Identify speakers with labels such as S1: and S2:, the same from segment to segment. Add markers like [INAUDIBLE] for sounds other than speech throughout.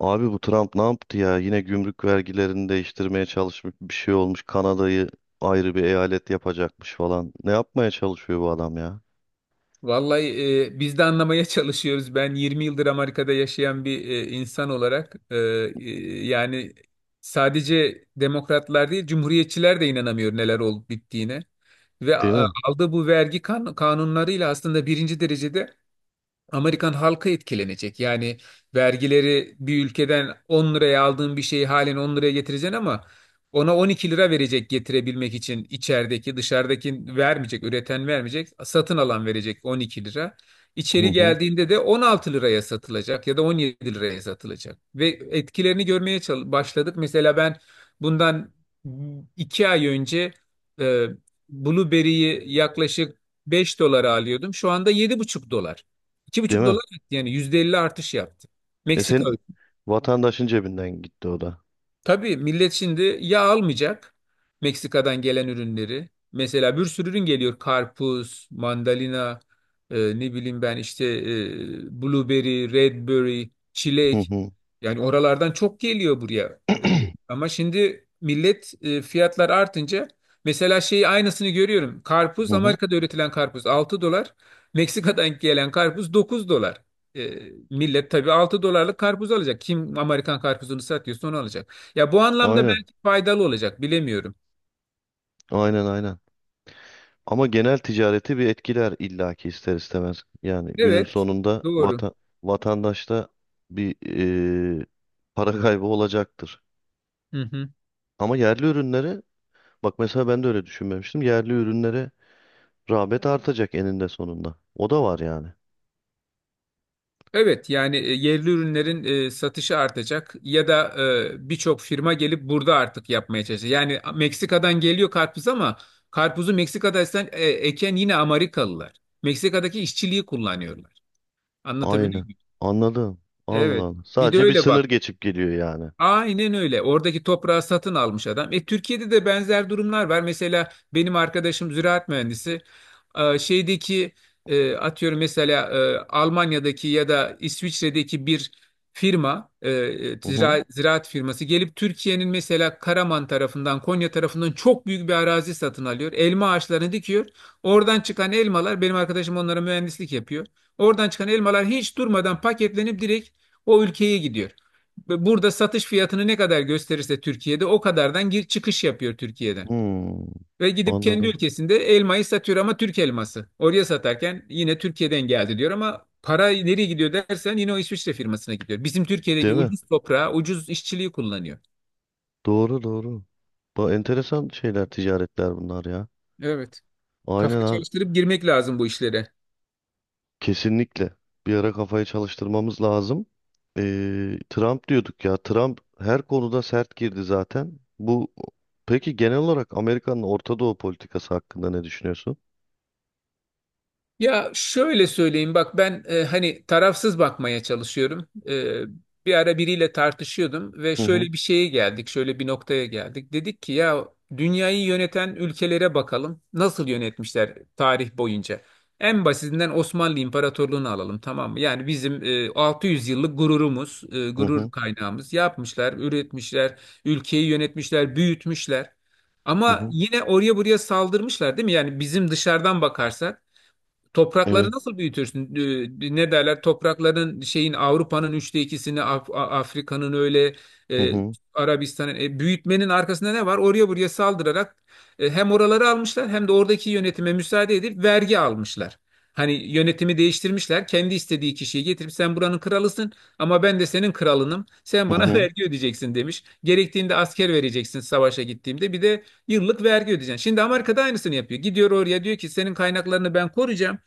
S1: Abi, bu Trump ne yaptı ya? Yine gümrük vergilerini değiştirmeye çalışmış, bir şey olmuş. Kanada'yı ayrı bir eyalet yapacakmış falan. Ne yapmaya çalışıyor bu adam ya?
S2: Vallahi biz de anlamaya [LAUGHS] çalışıyoruz. Ben 20 yıldır Amerika'da yaşayan bir insan olarak yani sadece demokratlar değil, cumhuriyetçiler de inanamıyor neler olup bittiğine. Ve
S1: Değil mi?
S2: aldığı bu vergi kanunlarıyla aslında birinci derecede Amerikan halkı etkilenecek. Yani vergileri bir ülkeden 10 liraya aldığın bir şeyi halen 10 liraya getireceksin ama ona 12 lira verecek getirebilmek için içerideki dışarıdaki vermeyecek, üreten vermeyecek, satın alan verecek 12 lira.
S1: Hı
S2: İçeri
S1: hı.
S2: geldiğinde de 16 liraya satılacak ya da 17 liraya satılacak. Ve etkilerini görmeye başladık. Mesela ben bundan 2 ay önce e, Blueberry'yi yaklaşık 5 dolara alıyordum. Şu anda 7,5 dolar, iki
S1: Değil
S2: buçuk
S1: mi?
S2: dolar etti yani %50 artış yaptı.
S1: E
S2: Meksika.
S1: sen vatandaşın cebinden gitti o da.
S2: Tabii millet şimdi yağ almayacak, Meksika'dan gelen ürünleri. Mesela bir sürü ürün geliyor. Karpuz, mandalina, ne bileyim ben işte blueberry, redberry,
S1: Hı
S2: çilek.
S1: hı.
S2: Yani oralardan çok geliyor buraya. Ama şimdi millet, fiyatlar artınca mesela şeyi aynısını görüyorum.
S1: Hı
S2: Karpuz,
S1: hı.
S2: Amerika'da üretilen karpuz 6 dolar. Meksika'dan gelen karpuz 9 dolar. E, Millet tabii 6 dolarlık karpuz alacak. Kim Amerikan karpuzunu satıyorsa onu alacak. Ya bu anlamda
S1: Aynen.
S2: belki faydalı olacak, bilemiyorum.
S1: Aynen aynen. Ama genel ticareti bir etkiler illaki ister istemez. Yani günün
S2: Evet,
S1: sonunda
S2: doğru.
S1: vatandaşta bir eee, para kaybı olacaktır.
S2: Hı hı.
S1: Ama yerli ürünleri. Bak, mesela ben de öyle düşünmemiştim. Yerli ürünlere rağbet artacak eninde sonunda. O da var yani.
S2: Evet, yani yerli ürünlerin satışı artacak ya da birçok firma gelip burada artık yapmaya çalışacak. Yani Meksika'dan geliyor karpuz ama karpuzu Meksika'da eken yine Amerikalılar. Meksika'daki işçiliği kullanıyorlar. Anlatabiliyor
S1: Aynen.
S2: muyum?
S1: Anladım. Allah
S2: Evet.
S1: Allah.
S2: Bir de
S1: Sadece bir
S2: öyle bak.
S1: sınır geçip geliyor yani.
S2: Aynen öyle. Oradaki toprağı satın almış adam. Türkiye'de de benzer durumlar var. Mesela benim arkadaşım ziraat mühendisi. Şeydeki atıyorum mesela Almanya'daki ya da İsviçre'deki bir firma,
S1: Hı hı.
S2: ziraat firması gelip Türkiye'nin mesela Karaman tarafından, Konya tarafından çok büyük bir arazi satın alıyor. Elma ağaçlarını dikiyor. Oradan çıkan elmalar, benim arkadaşım onlara mühendislik yapıyor. Oradan çıkan elmalar hiç durmadan paketlenip direkt o ülkeye gidiyor. Burada satış fiyatını ne kadar gösterirse Türkiye'de o kadardan gir çıkış yapıyor Türkiye'den.
S1: Hmm.
S2: Ve gidip kendi
S1: Anladım.
S2: ülkesinde elmayı satıyor ama Türk elması. Oraya satarken yine Türkiye'den geldi diyor ama para nereye gidiyor dersen yine o İsviçre firmasına gidiyor. Bizim Türkiye'deki
S1: Değil mi?
S2: ucuz toprağı, ucuz işçiliği kullanıyor.
S1: Doğru doğru. Bu enteresan şeyler, ticaretler bunlar ya.
S2: Evet. Kafa
S1: Aynen abi.
S2: çalıştırıp girmek lazım bu işlere.
S1: Kesinlikle. Bir ara kafayı çalıştırmamız lazım. Trump diyorduk ya. Trump her konuda sert girdi zaten. Bu peki genel olarak Amerika'nın Orta Doğu politikası hakkında ne düşünüyorsun?
S2: Ya şöyle söyleyeyim bak, ben hani tarafsız bakmaya çalışıyorum. Bir ara biriyle tartışıyordum ve
S1: Hı hı
S2: şöyle bir şeye geldik, şöyle bir noktaya geldik. Dedik ki ya dünyayı yöneten ülkelere bakalım nasıl yönetmişler tarih boyunca. En basitinden Osmanlı İmparatorluğunu alalım, tamam mı? Yani bizim 600 yıllık gururumuz,
S1: hı
S2: gurur
S1: hı
S2: kaynağımız, yapmışlar, üretmişler, ülkeyi yönetmişler, büyütmüşler.
S1: hı
S2: Ama
S1: hı.
S2: yine oraya buraya saldırmışlar değil mi? Yani bizim dışarıdan bakarsak, toprakları
S1: Evet.
S2: nasıl büyütürsün? Ne derler? Toprakların şeyin Avrupa'nın üçte ikisini, Afrika'nın öyle
S1: Hı
S2: e,
S1: hı
S2: Arabistan'ın, büyütmenin arkasında ne var? Oraya buraya saldırarak hem oraları almışlar hem de oradaki yönetime müsaade edip vergi almışlar. Hani yönetimi değiştirmişler. Kendi istediği kişiyi getirip sen buranın kralısın ama ben de senin kralınım. Sen
S1: hı
S2: bana [LAUGHS]
S1: hı.
S2: vergi ödeyeceksin demiş. Gerektiğinde asker vereceksin savaşa gittiğimde. Bir de yıllık vergi ödeyeceksin. Şimdi Amerika da aynısını yapıyor. Gidiyor oraya diyor ki senin kaynaklarını ben koruyacağım.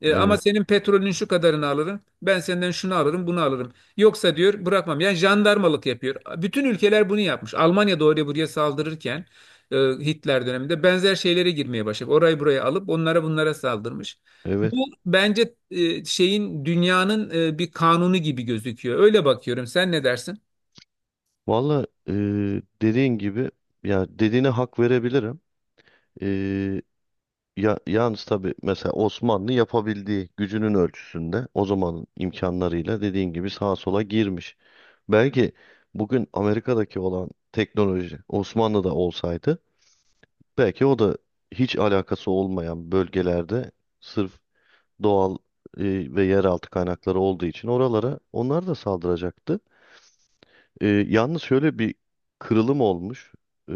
S2: Ama
S1: Evet.
S2: senin petrolün şu kadarını alırım. Ben senden şunu alırım, bunu alırım. Yoksa diyor bırakmam. Yani jandarmalık yapıyor. Bütün ülkeler bunu yapmış. Almanya da oraya buraya saldırırken Hitler döneminde benzer şeylere girmeye başladı. Orayı buraya alıp onlara bunlara saldırmış.
S1: Evet.
S2: Bu bence e, şeyin dünyanın bir kanunu gibi gözüküyor. Öyle bakıyorum. Sen ne dersin?
S1: Valla dediğin gibi, ya dediğine hak verebilirim. E, ya, yalnız tabii mesela Osmanlı yapabildiği gücünün ölçüsünde o zamanın imkanlarıyla dediğin gibi sağa sola girmiş. Belki bugün Amerika'daki olan teknoloji Osmanlı'da olsaydı, belki o da hiç alakası olmayan bölgelerde sırf doğal ve yeraltı kaynakları olduğu için oralara onlar da saldıracaktı. Yalnız şöyle bir kırılım olmuş e,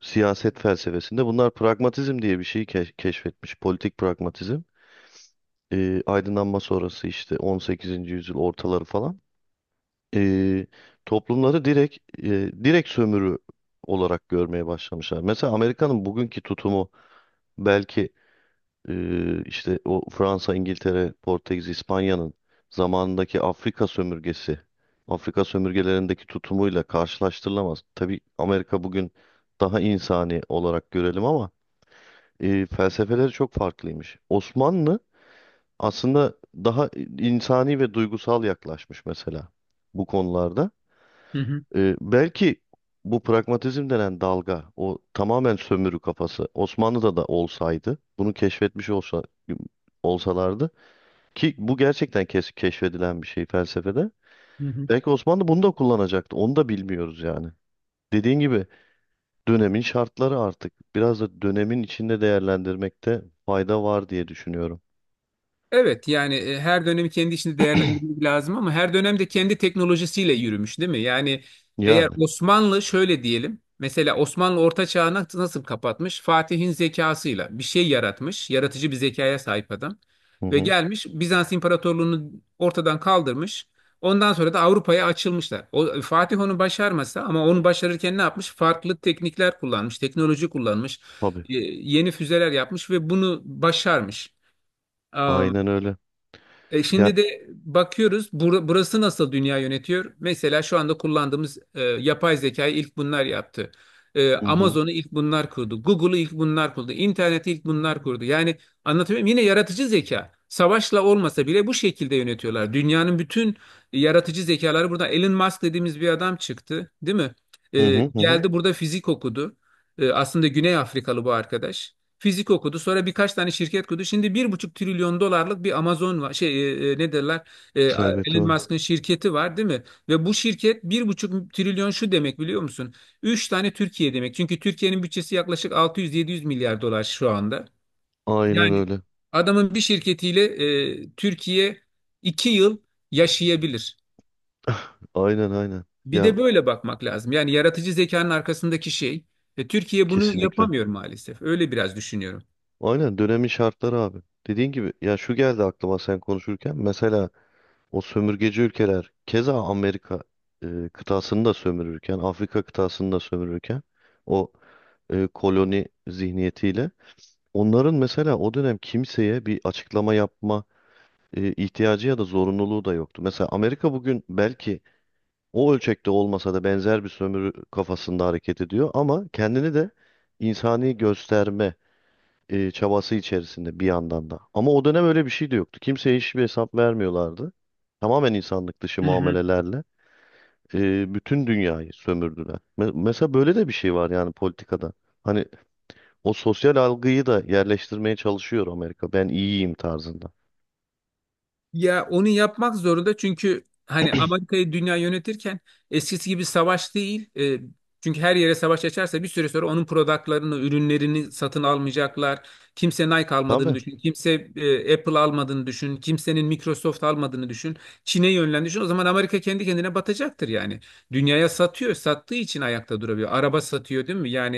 S1: siyaset felsefesinde. Bunlar pragmatizm diye bir şeyi keşfetmiş. Politik pragmatizm. Aydınlanma sonrası işte 18. yüzyıl ortaları falan. E, toplumları direkt direkt sömürü olarak görmeye başlamışlar. Mesela Amerika'nın bugünkü tutumu belki. İşte o Fransa, İngiltere, Portekiz, İspanya'nın zamanındaki Afrika sömürgesi, Afrika sömürgelerindeki tutumuyla karşılaştırılamaz. Tabii Amerika bugün daha insani olarak görelim ama felsefeleri çok farklıymış. Osmanlı aslında daha insani ve duygusal yaklaşmış mesela bu konularda.
S2: Hı hı.
S1: Belki bu pragmatizm denen dalga, o tamamen sömürü kafası Osmanlı'da da olsaydı, bunu keşfetmiş olsalardı, ki bu gerçekten keşfedilen bir şey felsefede.
S2: Hı hı.
S1: Belki Osmanlı bunu da kullanacaktı. Onu da bilmiyoruz yani. Dediğin gibi, dönemin şartları artık biraz da dönemin içinde değerlendirmekte fayda var diye düşünüyorum.
S2: Evet yani, her dönemi kendi içinde değerlendirmek lazım ama her dönemde kendi teknolojisiyle yürümüş değil mi? Yani eğer
S1: Yani.
S2: Osmanlı şöyle diyelim, mesela Osmanlı Orta Çağ'ı nasıl kapatmış? Fatih'in zekasıyla bir şey yaratmış, yaratıcı bir zekaya sahip adam
S1: Hı
S2: ve
S1: hı.
S2: gelmiş Bizans İmparatorluğunu ortadan kaldırmış. Ondan sonra da Avrupa'ya açılmışlar. O, Fatih onu başarmasa, ama onu başarırken ne yapmış? Farklı teknikler kullanmış, teknoloji kullanmış,
S1: Tabii.
S2: yeni füzeler yapmış ve bunu başarmış.
S1: Aynen öyle.
S2: E
S1: Ya
S2: şimdi de bakıyoruz, burası nasıl dünya yönetiyor? Mesela şu anda kullandığımız yapay zekayı ilk bunlar yaptı.
S1: hı hı.
S2: Amazon'u ilk bunlar kurdu. Google'u ilk bunlar kurdu. İnterneti ilk bunlar kurdu. Yani anlatıyorum yine yaratıcı zeka. Savaşla olmasa bile bu şekilde yönetiyorlar. Dünyanın bütün yaratıcı zekaları burada. Elon Musk dediğimiz bir adam çıktı, değil mi?
S1: Hı hı hı. Hı.
S2: Geldi burada fizik okudu. Aslında Güney Afrikalı bu arkadaş. Fizik okudu. Sonra birkaç tane şirket kurdu. Şimdi 1,5 trilyon dolarlık bir Amazon var. Şey, ne derler? E,
S1: Serveti
S2: Elon
S1: var.
S2: Musk'ın şirketi var değil mi? Ve bu şirket 1,5 trilyon, şu demek biliyor musun? Üç tane Türkiye demek. Çünkü Türkiye'nin bütçesi yaklaşık 600-700 milyar dolar şu anda.
S1: Aynen
S2: Yani
S1: öyle.
S2: adamın bir şirketiyle Türkiye 2 yıl yaşayabilir.
S1: Aynen aynen.
S2: Bir
S1: Ya,
S2: de böyle bakmak lazım. Yani yaratıcı zekanın arkasındaki şey. Türkiye bunu
S1: kesinlikle.
S2: yapamıyor maalesef. Öyle biraz düşünüyorum.
S1: Aynen dönemin şartları abi. Dediğin gibi, ya şu geldi aklıma sen konuşurken. Mesela o sömürgeci ülkeler keza Amerika kıtasını da sömürürken, Afrika kıtasını da sömürürken o koloni zihniyetiyle onların mesela o dönem kimseye bir açıklama yapma ihtiyacı ya da zorunluluğu da yoktu. Mesela Amerika bugün belki o ölçekte olmasa da benzer bir sömürü kafasında hareket ediyor, ama kendini de insani gösterme çabası içerisinde bir yandan da. Ama o dönem öyle bir şey de yoktu. Kimseye hiçbir hesap vermiyorlardı. Tamamen insanlık dışı
S2: Hı hı.
S1: muamelelerle bütün dünyayı sömürdüler. Mesela böyle de bir şey var yani politikada. Hani o sosyal algıyı da yerleştirmeye çalışıyor Amerika. Ben iyiyim tarzında.
S2: Ya onu yapmak zorunda, çünkü hani Amerika'yı dünya yönetirken eskisi gibi savaş değil. Çünkü her yere savaş açarsa bir süre sonra onun productlarını, ürünlerini satın almayacaklar. Kimse Nike almadığını
S1: Tabii,
S2: düşün. Kimse Apple almadığını düşün. Kimsenin Microsoft almadığını düşün. Çin'e yönlen düşün. O zaman Amerika kendi kendine batacaktır yani. Dünyaya satıyor. Sattığı için ayakta durabiliyor. Araba satıyor değil mi? Yani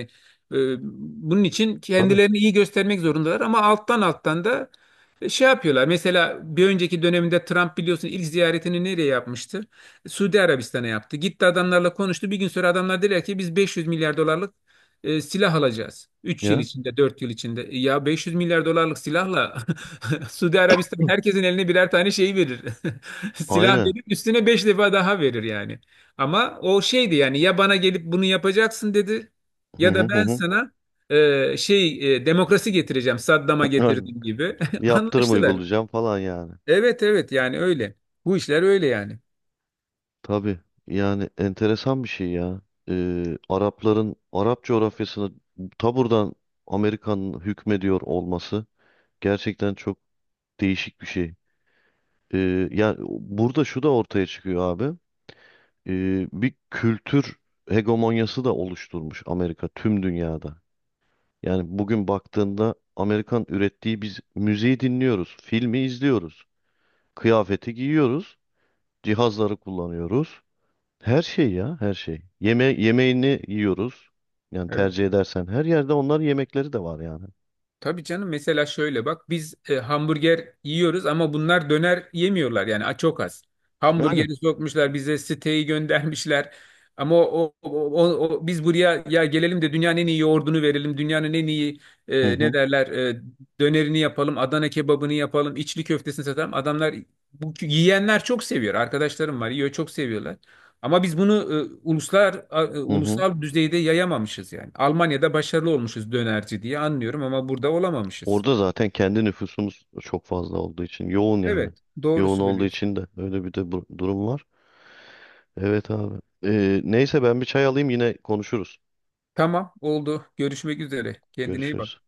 S2: e, bunun için
S1: tabii.
S2: kendilerini iyi göstermek zorundalar ama alttan alttan da şey yapıyorlar. Mesela bir önceki döneminde Trump, biliyorsun, ilk ziyaretini nereye yapmıştı? Suudi Arabistan'a yaptı. Gitti adamlarla konuştu. Bir gün sonra adamlar dediler ki biz 500 milyar dolarlık silah alacağız. Üç yıl
S1: Ya,
S2: içinde, 4 yıl içinde. Ya 500 milyar dolarlık silahla [LAUGHS] Suudi Arabistan herkesin eline birer tane şey verir. [LAUGHS] Silah
S1: aynen.
S2: verip üstüne 5 defa daha verir yani. Ama o şeydi yani, ya bana gelip bunu yapacaksın dedi
S1: Hı
S2: ya
S1: hı
S2: da
S1: hı
S2: ben
S1: hı.
S2: sana demokrasi getireceğim, Saddam'a
S1: [LAUGHS] Aynen.
S2: getirdiğim gibi. [LAUGHS] [LAUGHS]
S1: Yaptırım
S2: Anlaştılar.
S1: uygulayacağım falan yani.
S2: Evet evet, yani öyle. Bu işler öyle yani.
S1: Tabii, yani enteresan bir şey ya. Arapların Arap coğrafyasını ta buradan Amerika'nın hükmediyor olması gerçekten çok değişik bir şey. Yani burada şu da ortaya çıkıyor abi. Bir kültür hegemonyası da oluşturmuş Amerika tüm dünyada. Yani bugün baktığında Amerikan ürettiği biz müziği dinliyoruz, filmi izliyoruz, kıyafeti giyiyoruz, cihazları kullanıyoruz. Her şey ya, her şey. Yeme yemeğini yiyoruz. Yani
S2: Evet.
S1: tercih edersen her yerde onların yemekleri de var yani.
S2: Tabii canım, mesela şöyle bak, biz hamburger yiyoruz ama bunlar döner yemiyorlar yani, çok az.
S1: Aynen.
S2: Hamburgeri sokmuşlar bize, siteyi göndermişler. Ama o- biz buraya ya gelelim de dünyanın en iyi yoğurdunu verelim. Dünyanın en iyi
S1: Hı
S2: e, ne
S1: hı.
S2: derler e, dönerini yapalım. Adana kebabını yapalım. İçli köftesini satalım. Adamlar, bu yiyenler çok seviyor. Arkadaşlarım var, yiyor, çok seviyorlar. Ama biz bunu
S1: Hı hı.
S2: ulusal düzeyde yayamamışız yani. Almanya'da başarılı olmuşuz dönerci diye anlıyorum ama burada olamamışız.
S1: Orada zaten kendi nüfusumuz çok fazla olduğu için yoğun yani.
S2: Evet, doğru
S1: Yoğun olduğu
S2: söylüyorsun.
S1: için de öyle bir de bu- durum var. Evet abi. Neyse, ben bir çay alayım, yine konuşuruz.
S2: Tamam, oldu. Görüşmek üzere. Kendine iyi bak.
S1: Görüşürüz.